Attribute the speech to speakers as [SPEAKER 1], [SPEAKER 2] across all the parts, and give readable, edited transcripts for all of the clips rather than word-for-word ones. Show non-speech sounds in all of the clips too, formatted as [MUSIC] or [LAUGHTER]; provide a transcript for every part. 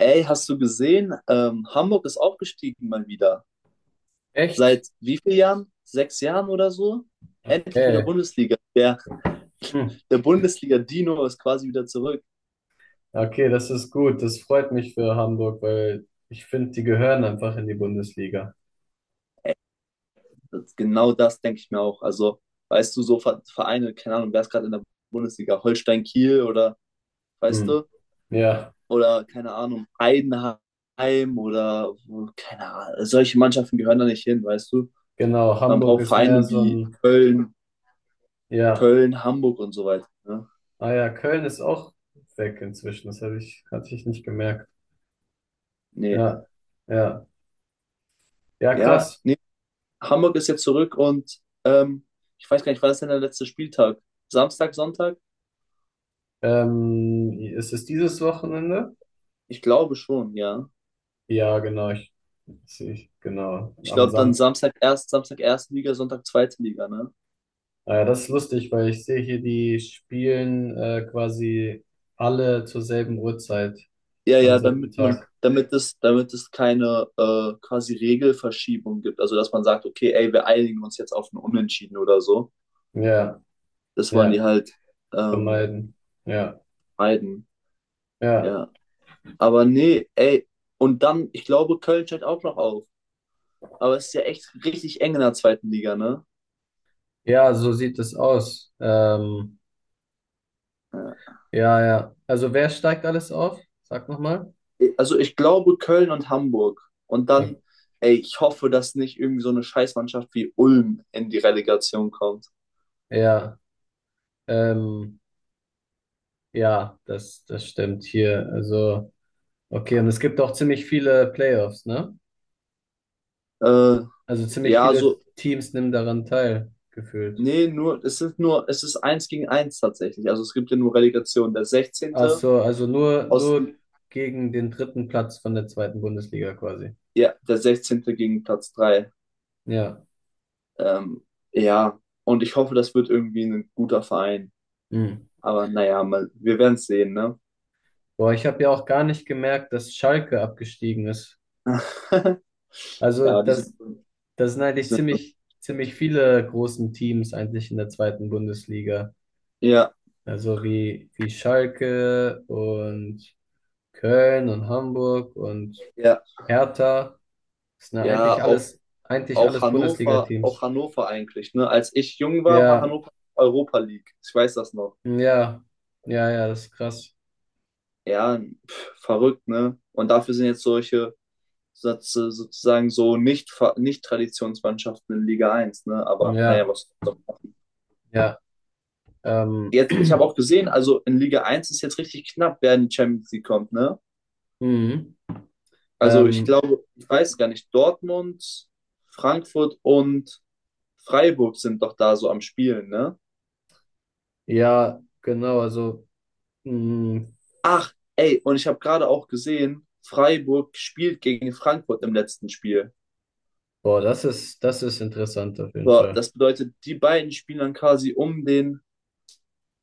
[SPEAKER 1] Ey, hast du gesehen? Hamburg ist aufgestiegen mal wieder.
[SPEAKER 2] Echt?
[SPEAKER 1] Seit wie vielen Jahren? Sechs Jahren oder so? Endlich wieder
[SPEAKER 2] Okay.
[SPEAKER 1] Bundesliga. Der,
[SPEAKER 2] Hm.
[SPEAKER 1] der Bundesliga-Dino ist quasi wieder zurück.
[SPEAKER 2] Okay, das ist gut. Das freut mich für Hamburg, weil ich finde, die gehören einfach in die Bundesliga.
[SPEAKER 1] Das, genau das denke ich mir auch. Also, weißt du, so Vereine, keine Ahnung, wer ist gerade in der Bundesliga? Holstein Kiel oder, weißt
[SPEAKER 2] Hm.
[SPEAKER 1] du?
[SPEAKER 2] Ja,
[SPEAKER 1] Oder, keine Ahnung, Heidenheim oder, keine Ahnung. Solche Mannschaften gehören da nicht hin, weißt du?
[SPEAKER 2] genau.
[SPEAKER 1] Man
[SPEAKER 2] Hamburg
[SPEAKER 1] braucht
[SPEAKER 2] ist mehr
[SPEAKER 1] Vereine
[SPEAKER 2] so
[SPEAKER 1] wie
[SPEAKER 2] ein,
[SPEAKER 1] Köln,
[SPEAKER 2] ja,
[SPEAKER 1] Köln, Hamburg und so weiter. Ne?
[SPEAKER 2] ah ja, Köln ist auch weg inzwischen. Das hatte ich nicht gemerkt.
[SPEAKER 1] Nee.
[SPEAKER 2] Ja, ja, ja,
[SPEAKER 1] Ja,
[SPEAKER 2] krass.
[SPEAKER 1] nee. Hamburg ist jetzt zurück und ähm, ich weiß gar nicht, war das denn der letzte Spieltag? Samstag, Sonntag?
[SPEAKER 2] Ist es dieses Wochenende?
[SPEAKER 1] Ich glaube schon, ja.
[SPEAKER 2] Ja, genau. Ich, genau.
[SPEAKER 1] Ich
[SPEAKER 2] Am
[SPEAKER 1] glaube dann
[SPEAKER 2] Sam
[SPEAKER 1] Samstag erst, Samstag erste Liga, Sonntag zweite Liga, ne?
[SPEAKER 2] Naja, das ist lustig, weil ich sehe hier, die spielen quasi alle zur selben Uhrzeit
[SPEAKER 1] Ja,
[SPEAKER 2] am
[SPEAKER 1] ja,
[SPEAKER 2] selben Tag.
[SPEAKER 1] damit es keine quasi Regelverschiebung gibt. Also dass man sagt, okay, ey, wir einigen uns jetzt auf ein Unentschieden oder so.
[SPEAKER 2] Ja,
[SPEAKER 1] Das wollen die
[SPEAKER 2] ja,
[SPEAKER 1] halt ähm,
[SPEAKER 2] vermeiden. Ja,
[SPEAKER 1] meiden.
[SPEAKER 2] ja.
[SPEAKER 1] Ja. Aber nee, ey, und dann, ich glaube, Köln steigt auch noch auf. Aber es ist ja echt richtig eng in der zweiten Liga, ne?
[SPEAKER 2] Ja, so sieht es aus.
[SPEAKER 1] Ja,
[SPEAKER 2] Ja, ja. Also wer steigt alles auf? Sag nochmal.
[SPEAKER 1] also ich glaube Köln und Hamburg. Und dann, ey, ich hoffe, dass nicht irgendwie so eine Scheißmannschaft wie Ulm in die Relegation kommt.
[SPEAKER 2] Ja, ähm, ja, das stimmt hier. Also, okay, und es gibt auch ziemlich viele Playoffs, ne?
[SPEAKER 1] Äh,
[SPEAKER 2] Also ziemlich
[SPEAKER 1] ja, so,
[SPEAKER 2] viele Teams nehmen daran teil, gefühlt.
[SPEAKER 1] nee, es ist eins gegen eins tatsächlich. Also es gibt ja nur Relegation. Der
[SPEAKER 2] Ach
[SPEAKER 1] sechzehnte
[SPEAKER 2] so, also
[SPEAKER 1] aus,
[SPEAKER 2] nur gegen den dritten Platz von der zweiten Bundesliga quasi.
[SPEAKER 1] ja, der sechzehnte gegen Platz drei.
[SPEAKER 2] Ja.
[SPEAKER 1] Ähm, ja, und ich hoffe, das wird irgendwie ein guter Verein.
[SPEAKER 2] Hm.
[SPEAKER 1] Aber naja, mal, wir werden es sehen, ne?
[SPEAKER 2] Boah, ich habe ja auch gar nicht gemerkt, dass Schalke abgestiegen ist.
[SPEAKER 1] [LAUGHS]
[SPEAKER 2] Also
[SPEAKER 1] Ja, die sind, die
[SPEAKER 2] das sind eigentlich
[SPEAKER 1] sind schon
[SPEAKER 2] ziemlich
[SPEAKER 1] schlecht.
[SPEAKER 2] viele großen Teams eigentlich in der zweiten Bundesliga.
[SPEAKER 1] Ja,
[SPEAKER 2] Also wie Schalke und Köln und Hamburg und
[SPEAKER 1] ja,
[SPEAKER 2] Hertha. Das sind ja
[SPEAKER 1] ja, auch
[SPEAKER 2] eigentlich
[SPEAKER 1] auch
[SPEAKER 2] alles
[SPEAKER 1] Hannover,
[SPEAKER 2] Bundesliga-Teams.
[SPEAKER 1] auch Hannover eigentlich. Ne? Als ich jung war, war
[SPEAKER 2] Ja,
[SPEAKER 1] Hannover Europa League. Ich weiß das noch.
[SPEAKER 2] ja, ja, ja, das ist krass.
[SPEAKER 1] Ja, pff, verrückt, ne? Und dafür sind jetzt solche so- sozusagen so nicht, nicht Traditionsmannschaften in Liga eins, ne? Aber naja,
[SPEAKER 2] Ja.
[SPEAKER 1] was soll man machen?
[SPEAKER 2] Ja, Ähm,
[SPEAKER 1] Jetzt, ich habe
[SPEAKER 2] [CLEARS THROAT]
[SPEAKER 1] auch gesehen, also in Liga eins ist jetzt richtig knapp, wer in die Champions League kommt, ne?
[SPEAKER 2] mhm.
[SPEAKER 1] Also ich
[SPEAKER 2] ähm,
[SPEAKER 1] glaube, ich weiß gar nicht, Dortmund, Frankfurt und Freiburg sind doch da so am Spielen, ne?
[SPEAKER 2] ja, genau, also, mh,
[SPEAKER 1] Ach, ey, und ich habe gerade auch gesehen, Freiburg spielt gegen Frankfurt im letzten Spiel.
[SPEAKER 2] boah, das ist interessant auf jeden
[SPEAKER 1] Boah,
[SPEAKER 2] Fall.
[SPEAKER 1] das bedeutet, die beiden spielen dann quasi um den,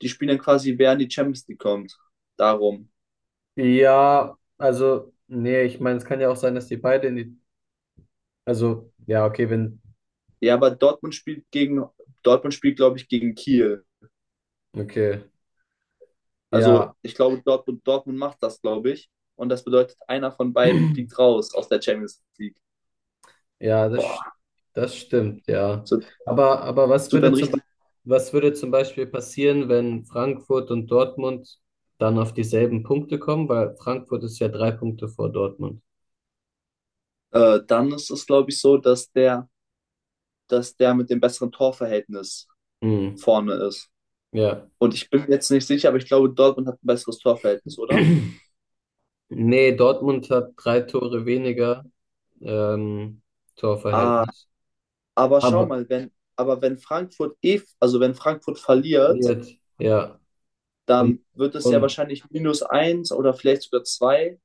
[SPEAKER 1] die spielen dann quasi, wer in die Champions League kommt. Darum.
[SPEAKER 2] Ja, also, nee, ich meine, es kann ja auch sein, dass die beide in also, ja, okay, wenn,
[SPEAKER 1] Ja, aber Dortmund spielt gegen, Dortmund spielt, glaube ich, gegen Kiel.
[SPEAKER 2] okay,
[SPEAKER 1] Also
[SPEAKER 2] ja,
[SPEAKER 1] ich glaube, Dortmund macht das, glaube ich. Und das bedeutet, einer von beiden fliegt
[SPEAKER 2] [CLEARS THROAT]
[SPEAKER 1] raus aus der Champions League.
[SPEAKER 2] ja,
[SPEAKER 1] Boah,
[SPEAKER 2] das stimmt, ja.
[SPEAKER 1] so,
[SPEAKER 2] Aber was
[SPEAKER 1] so
[SPEAKER 2] würde
[SPEAKER 1] dann richtig.
[SPEAKER 2] was würde zum Beispiel passieren, wenn Frankfurt und Dortmund dann auf dieselben Punkte kommen? Weil Frankfurt ist ja drei Punkte vor Dortmund.
[SPEAKER 1] Dann ist es, glaube ich, so, dass der mit dem besseren Torverhältnis
[SPEAKER 2] Mhm.
[SPEAKER 1] vorne ist.
[SPEAKER 2] Ja.
[SPEAKER 1] Und ich bin mir jetzt nicht sicher, aber ich glaube, Dortmund hat ein besseres Torverhältnis, oder?
[SPEAKER 2] [CLEARS THROAT] Nee, Dortmund hat drei Tore weniger ähm,
[SPEAKER 1] Ah,
[SPEAKER 2] Torverhältnis.
[SPEAKER 1] aber schau
[SPEAKER 2] Aber
[SPEAKER 1] mal, wenn, aber wenn Frankfurt also wenn Frankfurt verliert,
[SPEAKER 2] jetzt, ja. Und,
[SPEAKER 1] dann wird es ja
[SPEAKER 2] und
[SPEAKER 1] wahrscheinlich minus eins oder vielleicht sogar zwei.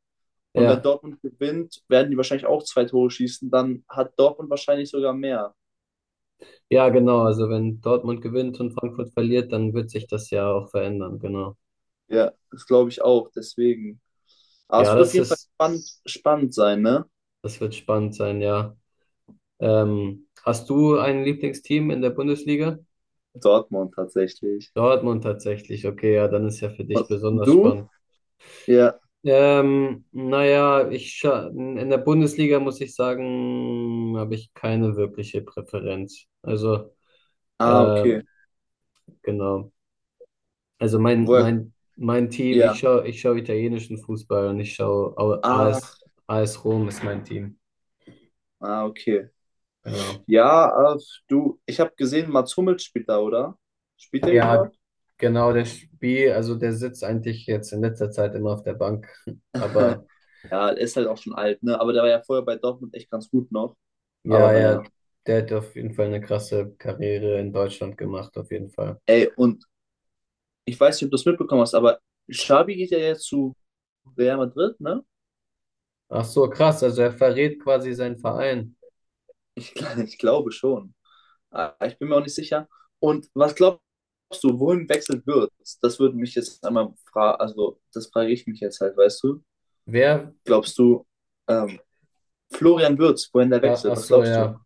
[SPEAKER 1] Und wenn
[SPEAKER 2] ja,
[SPEAKER 1] Dortmund gewinnt, werden die wahrscheinlich auch zwei Tore schießen. Dann hat Dortmund wahrscheinlich sogar mehr.
[SPEAKER 2] ja, genau. Also wenn Dortmund gewinnt und Frankfurt verliert, dann wird sich das ja auch verändern, genau.
[SPEAKER 1] Ja, das glaube ich auch. Deswegen. Aber
[SPEAKER 2] Ja,
[SPEAKER 1] es wird auf jeden Fall spannend sein, ne?
[SPEAKER 2] das wird spannend sein, ja. Hast du ein Lieblingsteam in der Bundesliga?
[SPEAKER 1] Dortmund tatsächlich.
[SPEAKER 2] Dortmund tatsächlich, okay, ja, dann ist ja für dich
[SPEAKER 1] Und
[SPEAKER 2] besonders
[SPEAKER 1] du?
[SPEAKER 2] spannend.
[SPEAKER 1] Ja.
[SPEAKER 2] Naja, in der Bundesliga muss ich sagen, habe ich keine wirkliche Präferenz. Also,
[SPEAKER 1] Ah, okay.
[SPEAKER 2] ähm, genau. Also
[SPEAKER 1] Work.
[SPEAKER 2] mein Team,
[SPEAKER 1] Ja.
[SPEAKER 2] ich schaue italienischen Fußball und ich schaue
[SPEAKER 1] Ah,
[SPEAKER 2] AS, AS Rom ist mein Team.
[SPEAKER 1] ah, okay.
[SPEAKER 2] Genau.
[SPEAKER 1] Ja, du, ich habe gesehen, Mats Hummels spielt da, oder? Spielt der
[SPEAKER 2] Ja,
[SPEAKER 1] überhaupt?
[SPEAKER 2] genau, der Spiel, also der sitzt eigentlich jetzt in letzter Zeit immer auf der Bank.
[SPEAKER 1] [LAUGHS]
[SPEAKER 2] Aber
[SPEAKER 1] Ja, er ist halt auch schon alt, ne? Aber der war ja vorher bei Dortmund echt ganz gut noch. Aber
[SPEAKER 2] ja,
[SPEAKER 1] naja.
[SPEAKER 2] ja, der hat auf jeden Fall eine krasse Karriere in Deutschland gemacht, auf jeden Fall.
[SPEAKER 1] Ey, und ich weiß nicht, ob du es mitbekommen hast, aber Xabi geht ja jetzt zu Real Madrid, ne?
[SPEAKER 2] Ach so, krass. Also er verrät quasi seinen Verein.
[SPEAKER 1] [LAUGHS] Ich glaube schon. Ah, ich bin mir auch nicht sicher. Und was glaubst du, wohin wechselt wird? Das würde mich jetzt einmal fragen, also das frage ich mich jetzt halt, weißt du?
[SPEAKER 2] Wer?
[SPEAKER 1] Glaubst du, ähm, Florian Wirtz, wohin der wechselt?
[SPEAKER 2] Ach
[SPEAKER 1] Was
[SPEAKER 2] so,
[SPEAKER 1] glaubst du?
[SPEAKER 2] ja.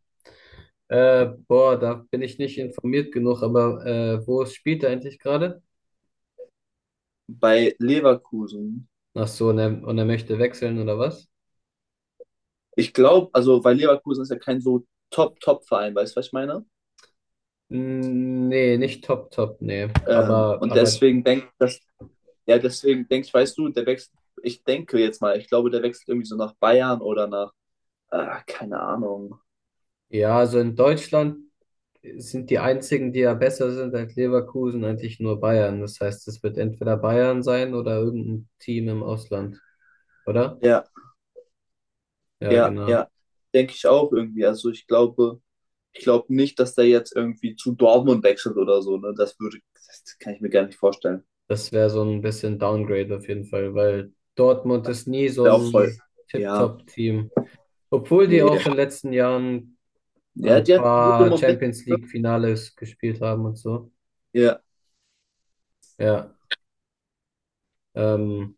[SPEAKER 2] Boah, da bin ich nicht informiert genug, aber wo spielt er eigentlich gerade?
[SPEAKER 1] Bei Leverkusen,
[SPEAKER 2] Ach so, und und er möchte wechseln oder was?
[SPEAKER 1] ich glaube, also weil Leverkusen ist ja kein so Top-Top-Verein, weißt du, was ich meine?
[SPEAKER 2] Mm, nee, nicht top, top, nee.
[SPEAKER 1] Und
[SPEAKER 2] Aber
[SPEAKER 1] deswegen denke das, ja, deswegen denke ich, weißt du, der wechselt, ich denke jetzt mal, ich glaube, der wechselt irgendwie so nach Bayern oder nach, ah, keine Ahnung.
[SPEAKER 2] ja, also in Deutschland sind die einzigen, die ja besser sind als Leverkusen, eigentlich nur Bayern. Das heißt, es wird entweder Bayern sein oder irgendein Team im Ausland, oder?
[SPEAKER 1] Ja,
[SPEAKER 2] Ja,
[SPEAKER 1] ja,
[SPEAKER 2] genau.
[SPEAKER 1] ja, denke ich auch irgendwie. Also ich glaube nicht, dass der jetzt irgendwie zu Dortmund wechselt oder so, ne? Das würde, das kann ich mir gar nicht vorstellen.
[SPEAKER 2] Das wäre so ein bisschen Downgrade auf jeden Fall, weil Dortmund ist nie so
[SPEAKER 1] Wäre auch voll,
[SPEAKER 2] ein
[SPEAKER 1] ja,
[SPEAKER 2] Tip-Top-Team. Obwohl die auch
[SPEAKER 1] nee.
[SPEAKER 2] in den letzten Jahren
[SPEAKER 1] Ja,
[SPEAKER 2] ein
[SPEAKER 1] die hat gute
[SPEAKER 2] paar
[SPEAKER 1] Momente.
[SPEAKER 2] Champions League-Finales gespielt haben und so.
[SPEAKER 1] Ja,
[SPEAKER 2] Ja. Ähm,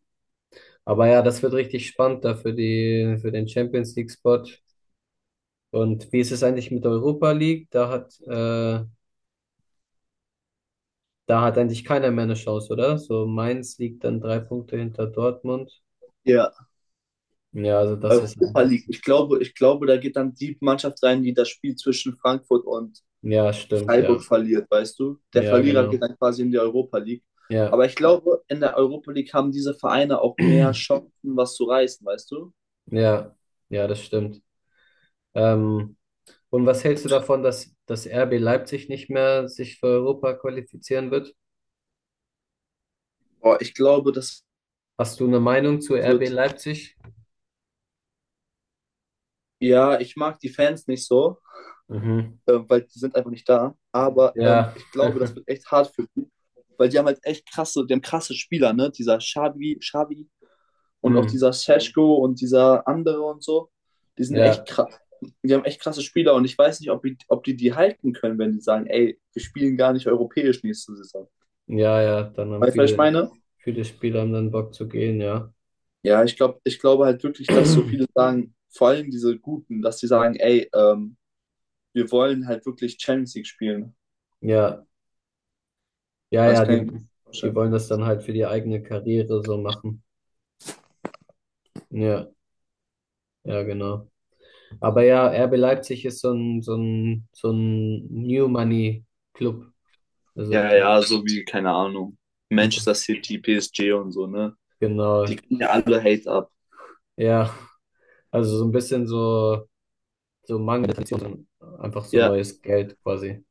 [SPEAKER 2] aber ja, das wird richtig spannend da für für den Champions League-Spot. Und wie ist es eigentlich mit der Europa League? Da da hat eigentlich keiner mehr eine Chance, oder? So Mainz liegt dann drei Punkte hinter Dortmund.
[SPEAKER 1] ja.
[SPEAKER 2] Ja, also das ist
[SPEAKER 1] Europa
[SPEAKER 2] eigentlich.
[SPEAKER 1] League. Ich glaube, da geht dann die Mannschaft rein, die das Spiel zwischen Frankfurt und
[SPEAKER 2] Ja, stimmt,
[SPEAKER 1] Freiburg
[SPEAKER 2] ja.
[SPEAKER 1] verliert, weißt du? Der
[SPEAKER 2] Ja,
[SPEAKER 1] Verlierer geht
[SPEAKER 2] genau.
[SPEAKER 1] dann quasi in die Europa League.
[SPEAKER 2] Ja.
[SPEAKER 1] Aber ich glaube, in der Europa League haben diese Vereine auch mehr Chancen, was zu reißen, weißt du?
[SPEAKER 2] Ja, ja, das stimmt. Ähm, und was hältst du davon, dass das RB Leipzig nicht mehr sich für Europa qualifizieren wird?
[SPEAKER 1] Boah, ich glaube, das
[SPEAKER 2] Hast du eine Meinung zu RB
[SPEAKER 1] wird.
[SPEAKER 2] Leipzig?
[SPEAKER 1] Ja, ich mag die Fans nicht so,
[SPEAKER 2] Mhm.
[SPEAKER 1] weil die sind einfach nicht da. Aber
[SPEAKER 2] Ja.
[SPEAKER 1] ich glaube, das wird
[SPEAKER 2] [LAUGHS]
[SPEAKER 1] echt hart für die, weil die haben halt echt krasse, die haben krasse Spieler, ne? Dieser Xavi, und auch
[SPEAKER 2] Hm.
[SPEAKER 1] dieser Seschko und dieser andere und so, die sind echt
[SPEAKER 2] Ja,
[SPEAKER 1] krass. Die haben echt krasse Spieler und ich weiß nicht, ob die die halten können, wenn die sagen, ey, wir spielen gar nicht europäisch nächste Saison.
[SPEAKER 2] ja, ja. Dann haben
[SPEAKER 1] Weißt du, was ich meine?
[SPEAKER 2] viele Spieler haben dann Bock zu gehen, ja.
[SPEAKER 1] Ja, ich glaube halt wirklich, dass so viele
[SPEAKER 2] [CLEARS THROAT]
[SPEAKER 1] sagen, vor allem diese Guten, dass die sagen, ey, wir wollen halt wirklich Champions League spielen.
[SPEAKER 2] Ja, ja,
[SPEAKER 1] Das
[SPEAKER 2] ja.
[SPEAKER 1] kann ich mir
[SPEAKER 2] Die
[SPEAKER 1] vorstellen.
[SPEAKER 2] wollen das dann halt für die eigene Karriere so machen. Ja, ja, genau. Aber ja, RB Leipzig ist so ein, so ein, so ein New Money Club. Also
[SPEAKER 1] Ja, ja, so wie, keine Ahnung,
[SPEAKER 2] und
[SPEAKER 1] Manchester
[SPEAKER 2] das,
[SPEAKER 1] City, PSG und so, ne? Die
[SPEAKER 2] genau.
[SPEAKER 1] kriegen ja alle Hate ab.
[SPEAKER 2] Ja, also so ein bisschen so, so mangelnde Tradition, einfach so
[SPEAKER 1] Ja,
[SPEAKER 2] neues Geld quasi.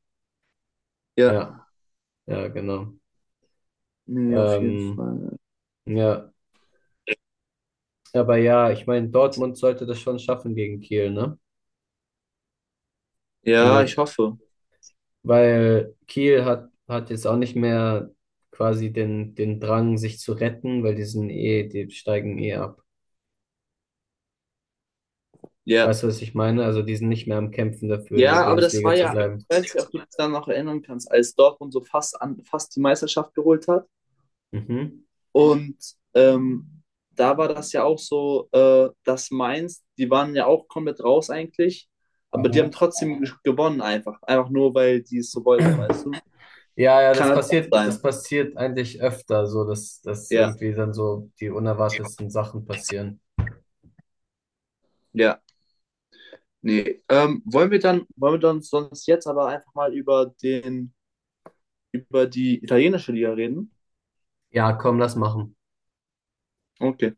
[SPEAKER 1] ja,
[SPEAKER 2] Ja, ja, genau.
[SPEAKER 1] nee, auf jeden
[SPEAKER 2] Ähm,
[SPEAKER 1] Fall.
[SPEAKER 2] ja, aber ja, ich meine, Dortmund sollte das schon schaffen gegen Kiel, ne? In
[SPEAKER 1] Ja, ich hoffe.
[SPEAKER 2] weil Kiel hat jetzt auch nicht mehr quasi den Drang, sich zu retten, weil die sind eh, die steigen eh ab.
[SPEAKER 1] Ja,
[SPEAKER 2] Weißt du, was ich meine? Also die sind nicht mehr am Kämpfen dafür, in der
[SPEAKER 1] ja, aber das war
[SPEAKER 2] Bundesliga zu
[SPEAKER 1] ja, ich
[SPEAKER 2] bleiben.
[SPEAKER 1] weiß nicht, ob du ja, dich daran noch erinnern kannst, als Dortmund so fast die Meisterschaft geholt hat.
[SPEAKER 2] Mhm.
[SPEAKER 1] Und ähm, da war das ja auch so, dass Mainz, die waren ja auch komplett raus eigentlich, aber die haben
[SPEAKER 2] Mhm.
[SPEAKER 1] trotzdem gewonnen einfach. Einfach nur, weil die es so wollten, weißt du?
[SPEAKER 2] Ja, ja,
[SPEAKER 1] Kann halt auch sein.
[SPEAKER 2] das passiert eigentlich öfter, so dass
[SPEAKER 1] Ja,
[SPEAKER 2] irgendwie dann so die unerwartetsten Sachen passieren.
[SPEAKER 1] ja. Nee. Wollen wir dann sonst jetzt aber einfach mal über den, über die italienische Liga reden?
[SPEAKER 2] Ja, komm, lass machen.
[SPEAKER 1] Okay.